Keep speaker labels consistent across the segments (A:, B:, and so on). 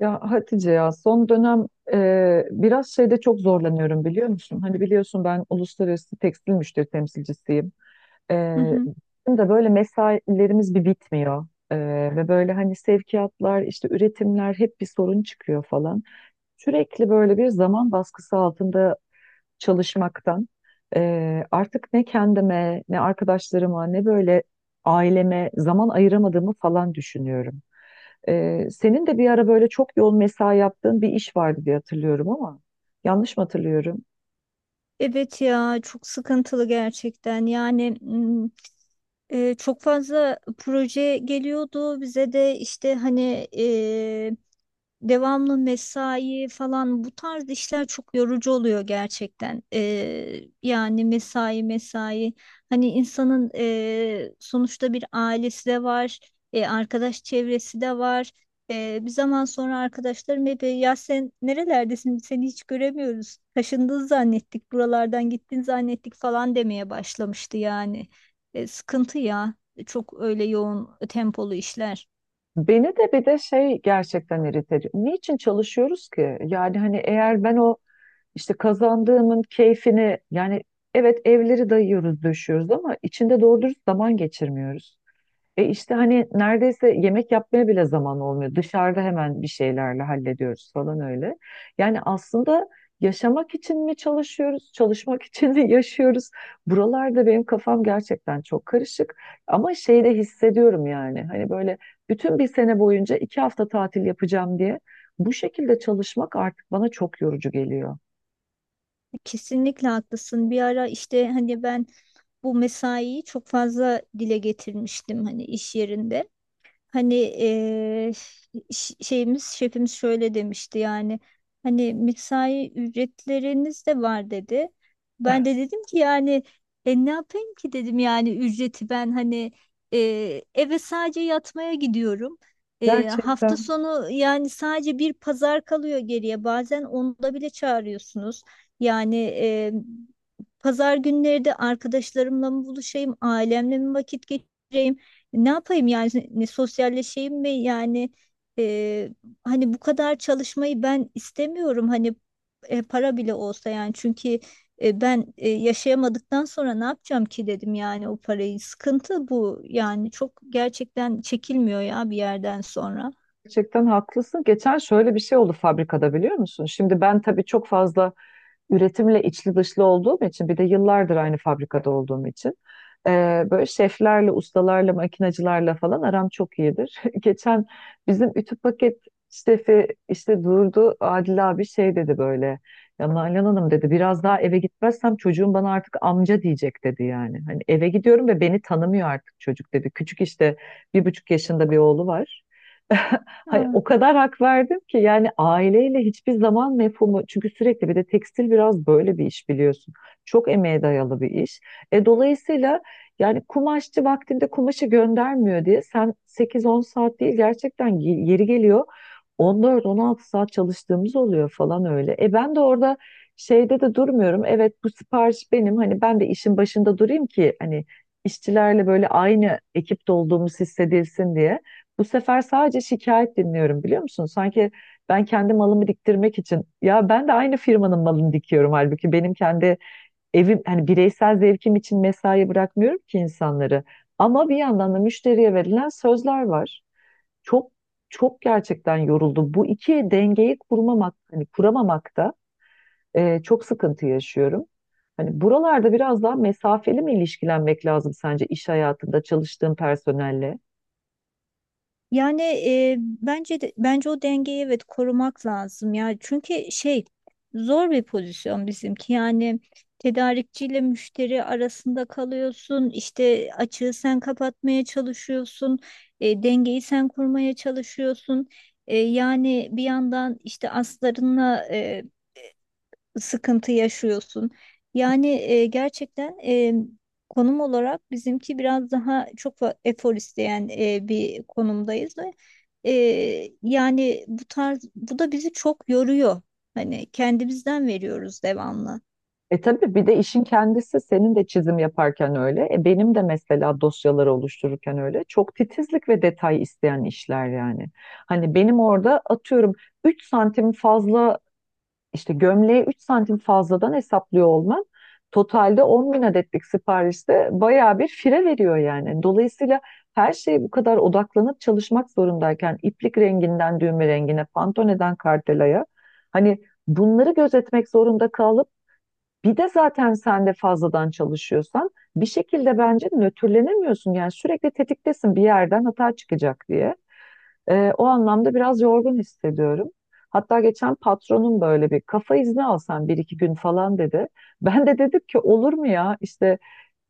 A: Ya Hatice ya son dönem biraz şeyde çok zorlanıyorum, biliyor musun? Hani biliyorsun ben uluslararası tekstil müşteri temsilcisiyim. E,
B: Hı hı.
A: Bizim de böyle mesailerimiz bir bitmiyor. E, Ve böyle hani sevkiyatlar işte üretimler hep bir sorun çıkıyor falan. Sürekli böyle bir zaman baskısı altında çalışmaktan artık ne kendime ne arkadaşlarıma ne böyle aileme zaman ayıramadığımı falan düşünüyorum. Senin de bir ara böyle çok yoğun mesai yaptığın bir iş vardı diye hatırlıyorum ama yanlış mı hatırlıyorum?
B: Evet ya, çok sıkıntılı gerçekten. Çok fazla proje geliyordu bize de, işte hani devamlı mesai falan. Bu tarz işler çok yorucu oluyor gerçekten. Yani mesai mesai, hani insanın sonuçta bir ailesi de var, e, arkadaş çevresi de var. Bir zaman sonra arkadaşlarım hep ya sen nerelerdesin, seni hiç göremiyoruz. Taşındın zannettik, buralardan gittin zannettik" falan demeye başlamıştı yani. Sıkıntı ya, çok öyle yoğun tempolu işler.
A: Beni de bir de şey gerçekten irite ediyor. Niçin çalışıyoruz ki? Yani hani eğer ben o işte kazandığımın keyfini yani evet evleri dayıyoruz, döşüyoruz ama içinde doğru dürüst zaman geçirmiyoruz. İşte hani neredeyse yemek yapmaya bile zaman olmuyor. Dışarıda hemen bir şeylerle hallediyoruz falan öyle. Yani aslında yaşamak için mi çalışıyoruz, çalışmak için mi yaşıyoruz? Buralarda benim kafam gerçekten çok karışık. Ama şeyi de hissediyorum yani. Hani böyle bütün bir sene boyunca 2 hafta tatil yapacağım diye bu şekilde çalışmak artık bana çok yorucu geliyor.
B: Kesinlikle haklısın. Bir ara işte hani ben bu mesaiyi çok fazla dile getirmiştim hani iş yerinde. Hani şeyimiz şefimiz şöyle demişti yani, hani mesai ücretleriniz de var dedi. Ben de dedim ki yani, ne yapayım ki dedim, yani ücreti ben hani, eve sadece yatmaya gidiyorum. Hafta
A: Gerçekten.
B: sonu yani sadece bir pazar kalıyor geriye, bazen onda bile çağırıyorsunuz. Yani eee, Pazar günleri de arkadaşlarımla mı buluşayım, ailemle mi vakit geçireyim? Ne yapayım yani, ne sosyalleşeyim mi yani? e, Hani bu kadar çalışmayı ben istemiyorum, hani para bile olsa. Yani çünkü ben yaşayamadıktan sonra ne yapacağım ki dedim yani o parayı. Sıkıntı bu yani, çok gerçekten çekilmiyor ya bir yerden sonra.
A: Gerçekten haklısın. Geçen şöyle bir şey oldu fabrikada, biliyor musun? Şimdi ben tabii çok fazla üretimle içli dışlı olduğum için bir de yıllardır aynı fabrikada olduğum için e, böyle şeflerle, ustalarla, makinacılarla falan aram çok iyidir. Geçen bizim ütü paket şefi işte durdu, Adil abi şey dedi böyle, ya Nalan Hanım dedi, biraz daha eve gitmezsem çocuğum bana artık amca diyecek dedi yani. Hani eve gidiyorum ve beni tanımıyor artık çocuk dedi. Küçük işte 1,5 yaşında bir oğlu var. Hayır, o kadar hak verdim ki yani aileyle hiçbir zaman mefhumu, çünkü sürekli bir de tekstil biraz böyle bir iş biliyorsun. Çok emeğe dayalı bir iş. Dolayısıyla yani kumaşçı vaktinde kumaşı göndermiyor diye sen 8-10 saat değil gerçekten yeri geliyor 14-16 saat çalıştığımız oluyor falan öyle. Ben de orada şeyde de durmuyorum. Evet bu sipariş benim, hani ben de işin başında durayım ki hani işçilerle böyle aynı ekipte olduğumuz hissedilsin diye. Bu sefer sadece şikayet dinliyorum, biliyor musun? Sanki ben kendi malımı diktirmek için, ya ben de aynı firmanın malını dikiyorum, halbuki benim kendi evim hani bireysel zevkim için mesai bırakmıyorum ki insanları. Ama bir yandan da müşteriye verilen sözler var. Çok çok gerçekten yoruldum. Bu iki dengeyi kurmamak, hani kuramamakta çok sıkıntı yaşıyorum. Hani buralarda biraz daha mesafeli mi ilişkilenmek lazım sence iş hayatında çalıştığın personelle?
B: Bence o dengeyi evet korumak lazım ya. Çünkü şey, zor bir pozisyon bizimki. Yani tedarikçiyle müşteri arasında kalıyorsun. İşte açığı sen kapatmaya çalışıyorsun, dengeyi sen kurmaya çalışıyorsun. E, yani bir yandan işte aslarınla sıkıntı yaşıyorsun. Gerçekten, konum olarak bizimki biraz daha efor isteyen bir konumdayız ve yani bu tarz, bu da bizi çok yoruyor. Hani kendimizden veriyoruz devamlı.
A: Tabii bir de işin kendisi, senin de çizim yaparken öyle. Benim de mesela dosyaları oluştururken öyle. Çok titizlik ve detay isteyen işler yani. Hani benim orada atıyorum 3 santim fazla, İşte gömleği 3 santim fazladan hesaplıyor olman totalde 10.000 adetlik siparişte bayağı bir fire veriyor yani. Dolayısıyla her şeye bu kadar odaklanıp çalışmak zorundayken iplik renginden düğme rengine, pantoneden kartelaya hani bunları gözetmek zorunda kalıp bir de zaten sen de fazladan çalışıyorsan bir şekilde bence nötrlenemiyorsun. Yani sürekli tetiktesin, bir yerden hata çıkacak diye. O anlamda biraz yorgun hissediyorum. Hatta geçen patronum böyle bir kafa izni alsan bir iki gün falan dedi. Ben de dedim ki, olur mu ya işte,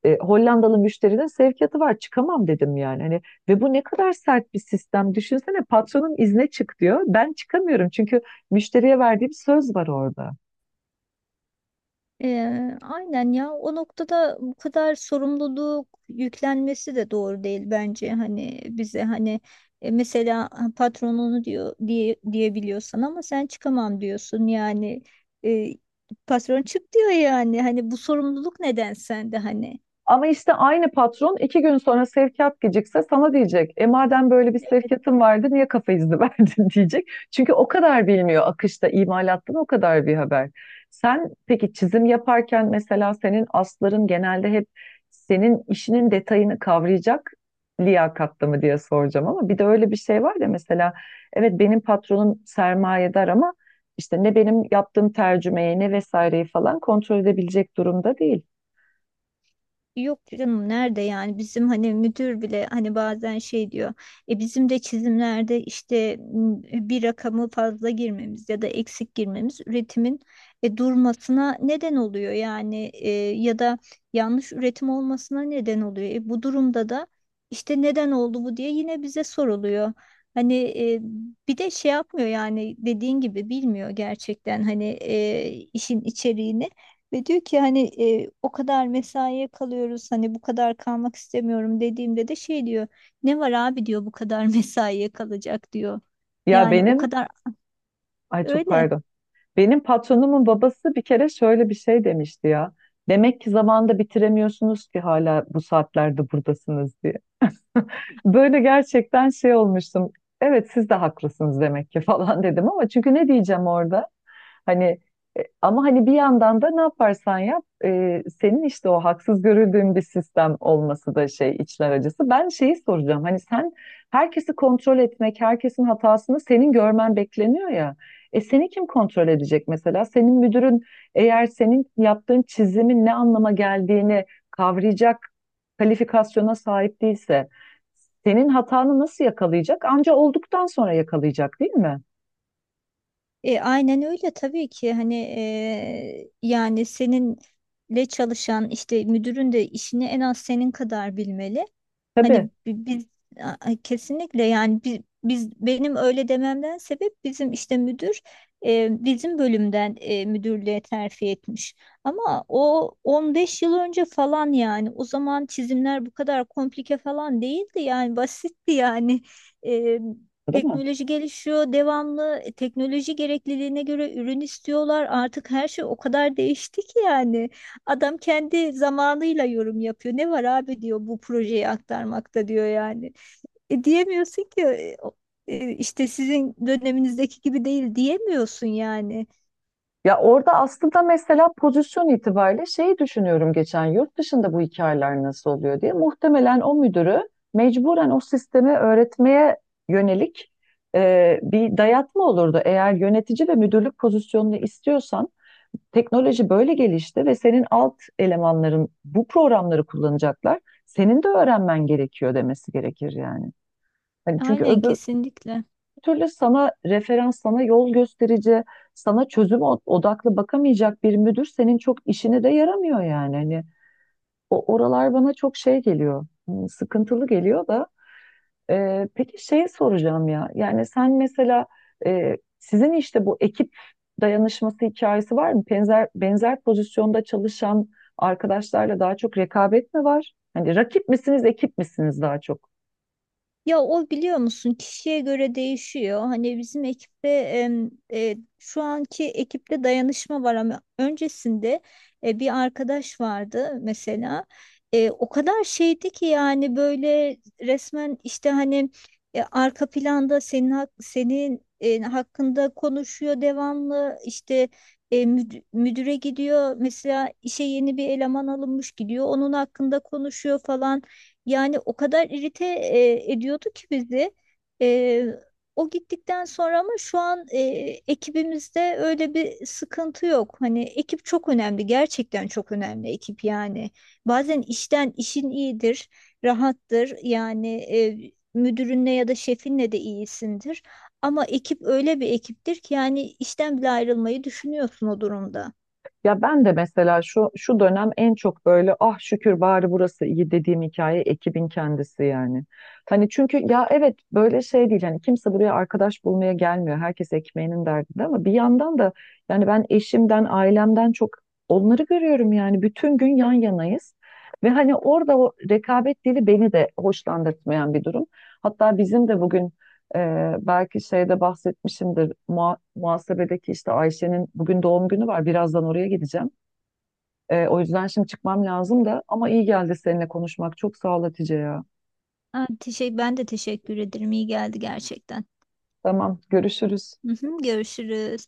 A: Hollandalı müşterinin sevkiyatı var, çıkamam dedim yani. Hani, ve bu ne kadar sert bir sistem. Düşünsene, patronun izne çık diyor. Ben çıkamıyorum çünkü müşteriye verdiğim söz var orada.
B: Aynen ya, o noktada bu kadar sorumluluk yüklenmesi de doğru değil bence, hani bize. Hani mesela patronunu diyor diye diyebiliyorsan ama sen çıkamam diyorsun yani. e, Patron çık diyor, yani hani bu sorumluluk neden sende hani?
A: Ama işte aynı patron iki gün sonra sevkiyat gecikse sana diyecek. Madem böyle bir
B: Evet.
A: sevkiyatın vardı niye kafa izni verdin diyecek. Çünkü o kadar bilmiyor, akışta imalattan o kadar bir haber. Sen peki çizim yaparken mesela senin asların genelde hep senin işinin detayını kavrayacak liyakatlı mı diye soracağım, ama bir de öyle bir şey var ya, mesela evet benim patronum sermayedar ama işte ne benim yaptığım tercümeyi ne vesaireyi falan kontrol edebilecek durumda değil.
B: Yok canım, nerede yani? Bizim hani müdür bile hani bazen şey diyor. Bizim de çizimlerde işte bir rakamı fazla girmemiz ya da eksik girmemiz üretimin durmasına neden oluyor, yani ya da yanlış üretim olmasına neden oluyor. E, bu durumda da işte neden oldu bu diye yine bize soruluyor. Hani bir de şey yapmıyor yani, dediğin gibi bilmiyor gerçekten hani işin içeriğini. Ve diyor ki hani, o kadar mesaiye kalıyoruz, hani bu kadar kalmak istemiyorum dediğimde de şey diyor, ne var abi diyor bu kadar mesaiye kalacak diyor.
A: Ya
B: Yani o
A: benim,
B: kadar
A: ay çok
B: öyle.
A: pardon. Benim patronumun babası bir kere şöyle bir şey demişti ya. Demek ki zamanda bitiremiyorsunuz ki hala bu saatlerde buradasınız diye. Böyle gerçekten şey olmuştum. Evet siz de haklısınız demek ki falan dedim, ama çünkü ne diyeceğim orada? Hani, ama hani bir yandan da ne yaparsan yap, senin işte o haksız görüldüğün bir sistem olması da şey içler acısı. Ben şeyi soracağım. Hani sen herkesi kontrol etmek, herkesin hatasını senin görmen bekleniyor ya. Seni kim kontrol edecek mesela? Senin müdürün eğer senin yaptığın çizimin ne anlama geldiğini kavrayacak kalifikasyona sahip değilse senin hatanı nasıl yakalayacak? Anca olduktan sonra yakalayacak değil mi?
B: E, aynen öyle tabii ki. Hani yani seninle çalışan işte müdürün de işini en az senin kadar bilmeli. Hani
A: Tabii.
B: bi- biz kesinlikle yani biz benim öyle dememden sebep, bizim işte müdür bizim bölümden müdürlüğe terfi etmiş. Ama o 15 yıl önce falan, yani o zaman çizimler bu kadar komplike falan değildi, yani basitti yani. E,
A: Değil mi?
B: Teknoloji gelişiyor devamlı, teknoloji gerekliliğine göre ürün istiyorlar, artık her şey o kadar değişti ki yani. Adam kendi zamanıyla yorum yapıyor. Ne var abi diyor bu projeyi aktarmakta diyor yani. Diyemiyorsun ki işte sizin döneminizdeki gibi değil, diyemiyorsun yani.
A: Ya orada aslında mesela pozisyon itibariyle şeyi düşünüyorum, geçen yurt dışında bu hikayeler nasıl oluyor diye. Muhtemelen o müdürü mecburen o sistemi öğretmeye yönelik bir dayatma olurdu. Eğer yönetici ve müdürlük pozisyonunu istiyorsan teknoloji böyle gelişti ve senin alt elemanların bu programları kullanacaklar. Senin de öğrenmen gerekiyor demesi gerekir yani. Hani çünkü
B: Aynen,
A: öbür
B: kesinlikle.
A: türlü sana referans, sana yol gösterici, sana çözüm odaklı bakamayacak bir müdür senin çok işine de yaramıyor yani. Hani o oralar bana çok şey geliyor, sıkıntılı geliyor da peki şey soracağım ya. Yani sen mesela, sizin işte bu ekip dayanışması hikayesi var mı? Benzer benzer pozisyonda çalışan arkadaşlarla daha çok rekabet mi var? Hani rakip misiniz, ekip misiniz daha çok?
B: Ya o, biliyor musun, kişiye göre değişiyor. Hani bizim ekipte şu anki ekipte dayanışma var ama öncesinde bir arkadaş vardı mesela. E, o kadar şeydi ki yani, böyle resmen işte hani arka planda senin senin hakkında konuşuyor devamlı, işte müdüre gidiyor mesela, işe yeni bir eleman alınmış gidiyor onun hakkında konuşuyor falan. Yani o kadar irite ediyordu ki bizi. E, O gittikten sonra ama şu an ekibimizde öyle bir sıkıntı yok. Hani ekip çok önemli, gerçekten çok önemli ekip yani. Bazen işten, işin iyidir, rahattır. Yani müdürünle ya da şefinle de iyisindir. Ama ekip öyle bir ekiptir ki yani işten bile ayrılmayı düşünüyorsun o durumda.
A: Ya ben de mesela şu dönem en çok böyle, ah şükür bari burası iyi dediğim hikaye ekibin kendisi yani. Hani çünkü ya evet böyle şey değil, hani kimse buraya arkadaş bulmaya gelmiyor. Herkes ekmeğinin derdinde ama bir yandan da yani ben eşimden, ailemden çok onları görüyorum yani, bütün gün yan yanayız. Ve hani orada o rekabet dili beni de hoşlandırtmayan bir durum. Hatta bizim de bugün, belki şeyde bahsetmişimdir. Muhasebedeki işte Ayşe'nin bugün doğum günü var. Birazdan oraya gideceğim. O yüzden şimdi çıkmam lazım da, ama iyi geldi seninle konuşmak. Çok sağ ol Hatice ya.
B: Ha, teşekkür, ben de teşekkür ederim. İyi geldi gerçekten.
A: Tamam, görüşürüz.
B: Hı hı, görüşürüz.